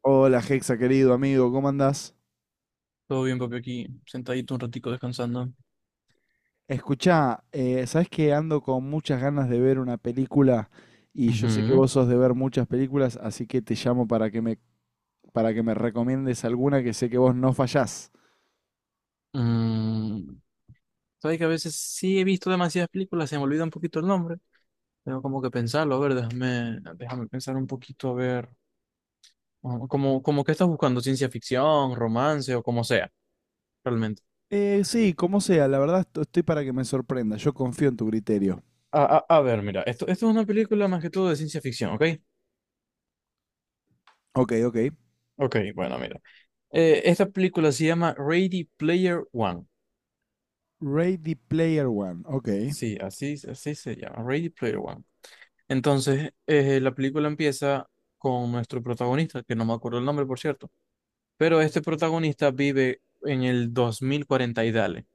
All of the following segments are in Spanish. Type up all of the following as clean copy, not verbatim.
Hola Hexa, querido amigo, ¿cómo andás? Todo bien, papi, aquí sentadito un ratico descansando. Escuchá, ¿sabés que ando con muchas ganas de ver una película y yo sé que Ujú. vos sos de ver muchas películas, así que te llamo para que me recomiendes alguna que sé que vos no fallás. Mm, sabes que a veces sí he visto demasiadas películas, se me olvida un poquito el nombre. Tengo como que pensarlo, a ver, déjame pensar un poquito, a ver, como que estás buscando ciencia ficción, romance o como sea, realmente. Sí, como sea, la verdad estoy para que me sorprenda, yo confío en tu criterio. A ver, mira, esto es una película más que todo de ciencia ficción, ¿ok? Ok, ok. Ok, bueno, mira. Esta película se llama Ready Player One. Ready Player One, ok. Sí, así se llama, Ready Player One. Entonces, la película empieza con nuestro protagonista, que no me acuerdo el nombre, por cierto, pero este protagonista vive en el 2040 y dale.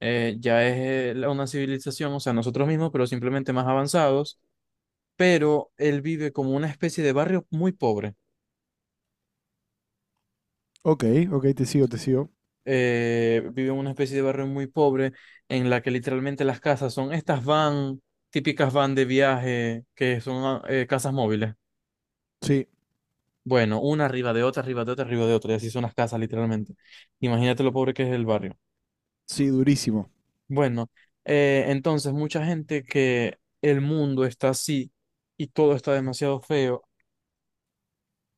Una civilización, o sea, nosotros mismos, pero simplemente más avanzados, pero él vive como una especie de barrio muy pobre. Ok, ok, te sigo, te sigo. Vive en una especie de barrio muy pobre en la que literalmente las casas son estas van, típicas van de viaje, que son casas móviles. Sí, Bueno, una arriba de otra, arriba de otra, arriba de otra, y así son las casas, literalmente. Imagínate lo pobre que es el barrio. sí, durísimo. Bueno, entonces, mucha gente que el mundo está así y todo está demasiado feo.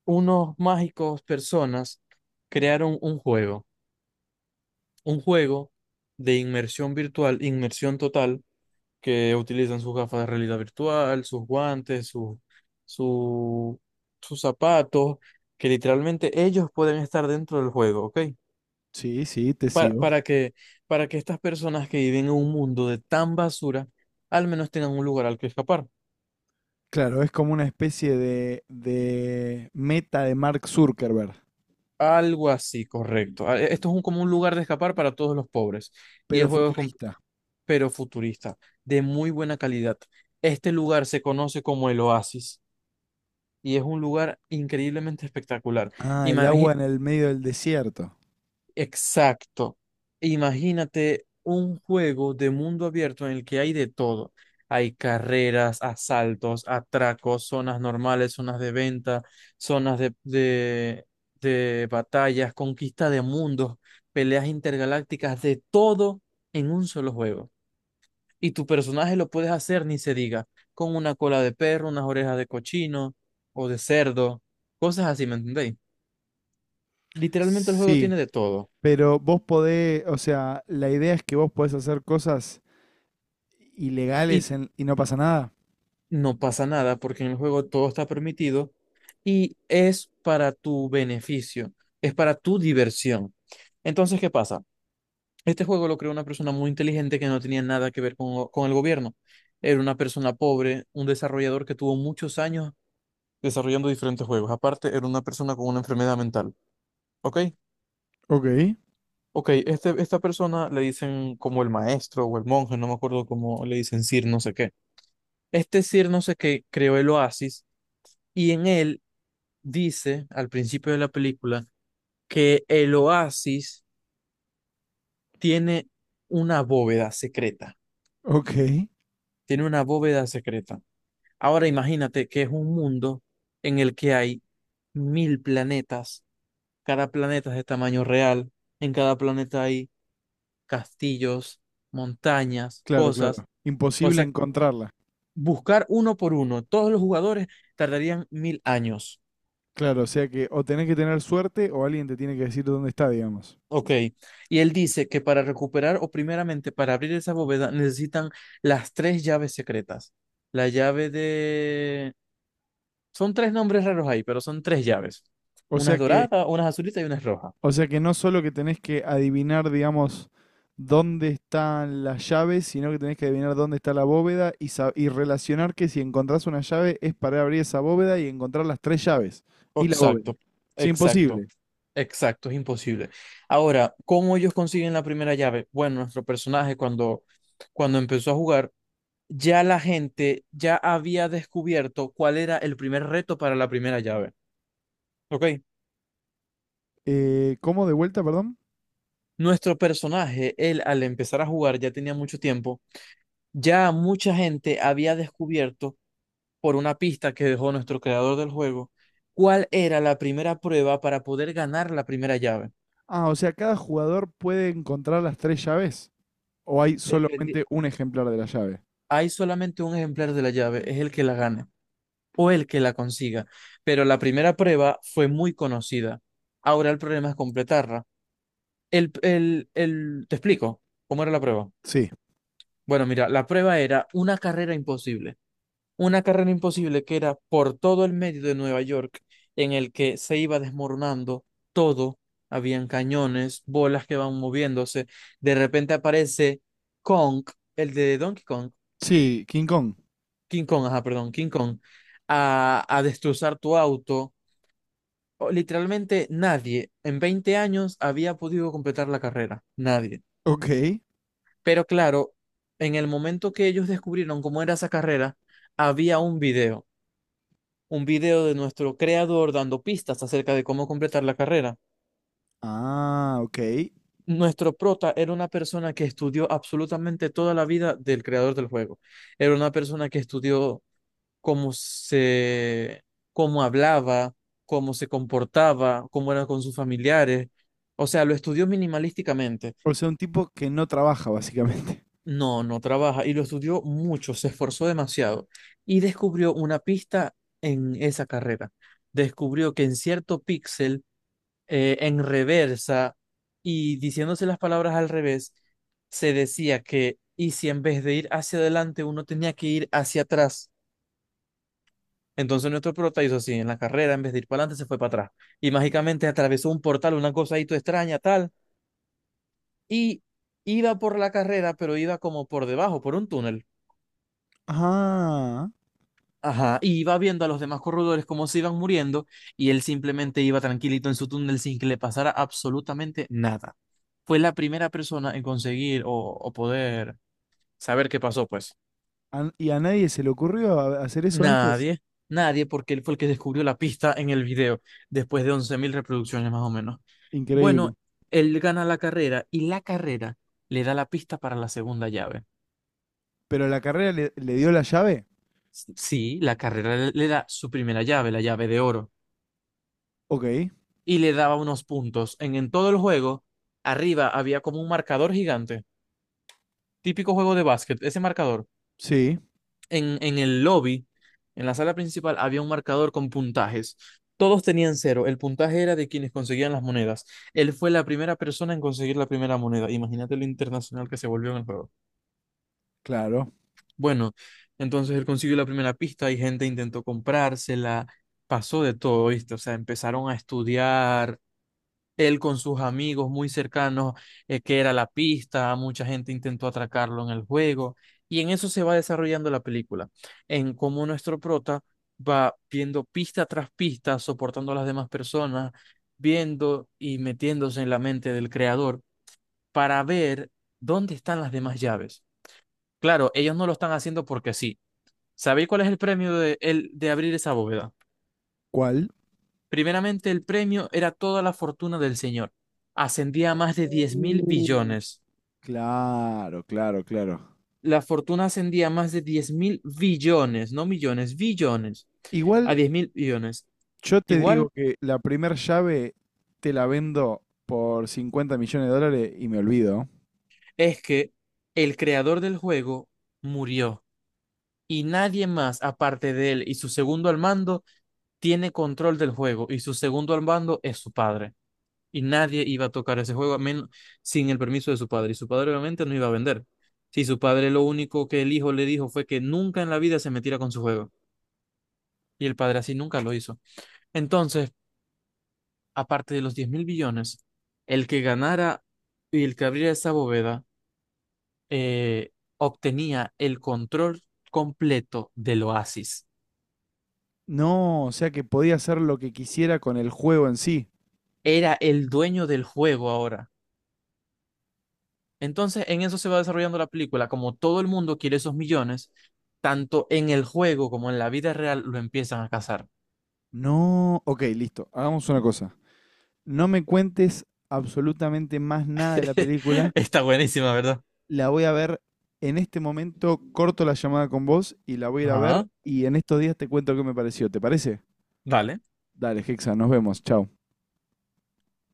Unos mágicos personas crearon un juego de inmersión virtual, inmersión total, que utilizan sus gafas de realidad virtual, sus guantes, su, sus zapatos, que literalmente ellos pueden estar dentro del juego, ¿ok? Sí, sí, te para, sigo. para que, para que estas personas que viven en un mundo de tan basura, al menos tengan un lugar al que escapar. Claro, es como una especie de meta de Mark Zuckerberg, Algo así, correcto. Esto es un, como un lugar de escapar para todos los pobres. Y el pero juego es, com- futurista. Pero futurista, de muy buena calidad. Este lugar se conoce como el Oasis y es un lugar increíblemente espectacular. Ah, el agua en el medio del desierto. Exacto. Imagínate un juego de mundo abierto en el que hay de todo. Hay carreras, asaltos, atracos, zonas normales, zonas de venta, zonas de, de, de batallas, conquista de mundos, peleas intergalácticas, de todo en un solo juego. Y tu personaje lo puedes hacer, ni se diga, con una cola de perro, unas orejas de cochino o de cerdo, cosas así, ¿me entendéis? Literalmente el juego Sí, tiene de todo. pero vos podés, o sea, la idea es que vos podés hacer cosas ilegales Y en- y no pasa nada. no pasa nada porque en el juego todo está permitido y es para tu beneficio, es para tu diversión. Entonces, ¿qué pasa? Este juego lo creó una persona muy inteligente que no tenía nada que ver con el gobierno. Era una persona pobre, un desarrollador que tuvo muchos años desarrollando diferentes juegos. Aparte, era una persona con una enfermedad mental. ¿Ok? Ok, Ok, esta persona le dicen como el maestro o el monje, no me acuerdo cómo le dicen, Sir no sé qué. Este Sir no sé qué creó el Oasis y en él dice al principio de la película que el oasis tiene una bóveda secreta, ok. tiene una bóveda secreta. Ahora imagínate que es un mundo en el que hay mil planetas, cada planeta es de tamaño real, en cada planeta hay castillos, montañas, Claro, claro. cosas, o Imposible sea, encontrarla. buscar uno por uno, todos los jugadores tardarían mil años. Claro, o sea que o tenés que tener suerte o alguien te tiene que decir dónde está, digamos. Ok, y él dice que para recuperar o primeramente para abrir esa bóveda necesitan las tres llaves secretas. La llave de... Son tres nombres raros ahí, pero son tres llaves. O Unas sea que doradas, unas azulitas y unas rojas. O sea que no solo que tenés que adivinar, digamos, dónde están las llaves, sino que tenés que adivinar dónde está la bóveda y, y relacionar que si encontrás una llave es para abrir esa bóveda y encontrar las tres llaves y la bóveda. Exacto, Es exacto, imposible. exacto, es imposible. Ahora, ¿cómo ellos consiguen la primera llave? Bueno, nuestro personaje cuando empezó a jugar, ya la gente ya había descubierto cuál era el primer reto para la primera llave. Ok. ¿Cómo de vuelta, perdón? Nuestro personaje, él al empezar a jugar ya tenía mucho tiempo, ya mucha gente había descubierto por una pista que dejó nuestro creador del juego cuál era la primera prueba para poder ganar la primera llave. Ah, o sea, cada jugador puede encontrar las tres llaves o hay Dependi- solamente un ejemplar de la llave. Hay solamente un ejemplar de la llave, es el que la gane o el que la consiga, pero la primera prueba fue muy conocida. Ahora el problema es completarla. ¿Te explico cómo era la prueba? Sí. Bueno, mira, la prueba era una carrera imposible. Una carrera imposible que era por todo el medio de Nueva York, en el que se iba desmoronando todo. Habían cañones, bolas que van moviéndose. De repente aparece Kong, el de Donkey Kong, Sí, King Kong. King Kong, ajá, perdón, King Kong, a destrozar tu auto. Literalmente nadie en 20 años había podido completar la carrera, nadie. Ok. Pero claro, en el momento que ellos descubrieron cómo era esa carrera, había un video de nuestro creador dando pistas acerca de cómo completar la carrera. Ah, ok. Nuestro prota era una persona que estudió absolutamente toda la vida del creador del juego. Era una persona que estudió cómo se, cómo hablaba, cómo se comportaba, cómo era con sus familiares. O sea, lo estudió minimalísticamente. O sea, un tipo que no trabaja, básicamente. No, no trabaja y lo estudió mucho, se esforzó demasiado y descubrió una pista en esa carrera. Descubrió que en cierto píxel en reversa y diciéndose las palabras al revés, se decía que, y si en vez de ir hacia adelante uno tenía que ir hacia atrás. Entonces nuestro prota hizo así, en la carrera, en vez de ir para adelante, se fue para atrás. Y mágicamente atravesó un portal, una cosa ahí toda extraña, tal, y iba por la carrera, pero iba como por debajo, por un túnel. Ah, Ajá, y iba viendo a los demás corredores cómo se iban muriendo y él simplemente iba tranquilito en su túnel sin que le pasara absolutamente nada. Fue la primera persona en conseguir o poder saber qué pasó, pues. Y a nadie se le ocurrió hacer eso antes. Nadie, Nadie, porque él fue el que descubrió la pista en el video, después de 11.000 reproducciones más o menos. Increíble. Bueno, él gana la carrera y la carrera le da la pista para la segunda llave. Pero la carrera le dio la llave. Sí, la carrera le da su primera llave, la llave de oro. Ok, Y le daba unos puntos. En todo el juego, arriba había como un marcador gigante, típico juego de básquet, ese marcador. sí, En el lobby, en la sala principal, había un marcador con puntajes. Todos tenían cero. El puntaje era de quienes conseguían las monedas. Él fue la primera persona en conseguir la primera moneda. Imagínate lo internacional que se volvió en el juego. claro. Bueno, entonces él consiguió la primera pista y gente intentó comprársela. Pasó de todo, ¿viste? O sea, empezaron a estudiar él con sus amigos muy cercanos, que era la pista, mucha gente intentó atracarlo en el juego, y en eso se va desarrollando la película, en cómo nuestro prota va viendo pista tras pista, soportando a las demás personas, viendo y metiéndose en la mente del creador para ver dónde están las demás llaves. Claro, ellos no lo están haciendo porque sí. ¿Sabéis cuál es el premio de abrir esa bóveda? ¿Cuál? Primeramente, el premio era toda la fortuna del señor. Ascendía a más de diez mil Uh. billones. Claro, claro, claro. La fortuna ascendía a más de diez mil billones, no millones, billones, a Igual diez mil billones. yo te digo Igual que la primer llave te la vendo por $50 millones y me olvido. es que el creador del juego murió y nadie más, aparte de él y su segundo al mando, tiene control del juego y su segundo al mando es su padre. Y nadie iba a tocar ese juego a men- Sin el permiso de su padre. Y su padre obviamente no iba a vender. Si su padre lo único que el hijo le dijo fue que nunca en la vida se metiera con su juego. Y el padre así nunca lo hizo. Entonces, aparte de los 10 mil billones, el que ganara y el que abriera esa bóveda obtenía el control completo del oasis. No, o sea que podía hacer lo que quisiera con el juego en sí. Era el dueño del juego ahora. Entonces, en eso se va desarrollando la película. Como todo el mundo quiere esos millones, tanto en el juego como en la vida real lo empiezan a cazar. No, ok, listo. Hagamos una cosa. No me cuentes absolutamente más nada de la película, Está buenísima, ¿verdad? la voy a ver en este momento, corto la llamada con vos y la voy a ir a ver Ajá, y en estos días te cuento qué me pareció. ¿Te parece? dale. Dale, Hexa, nos vemos. Chau.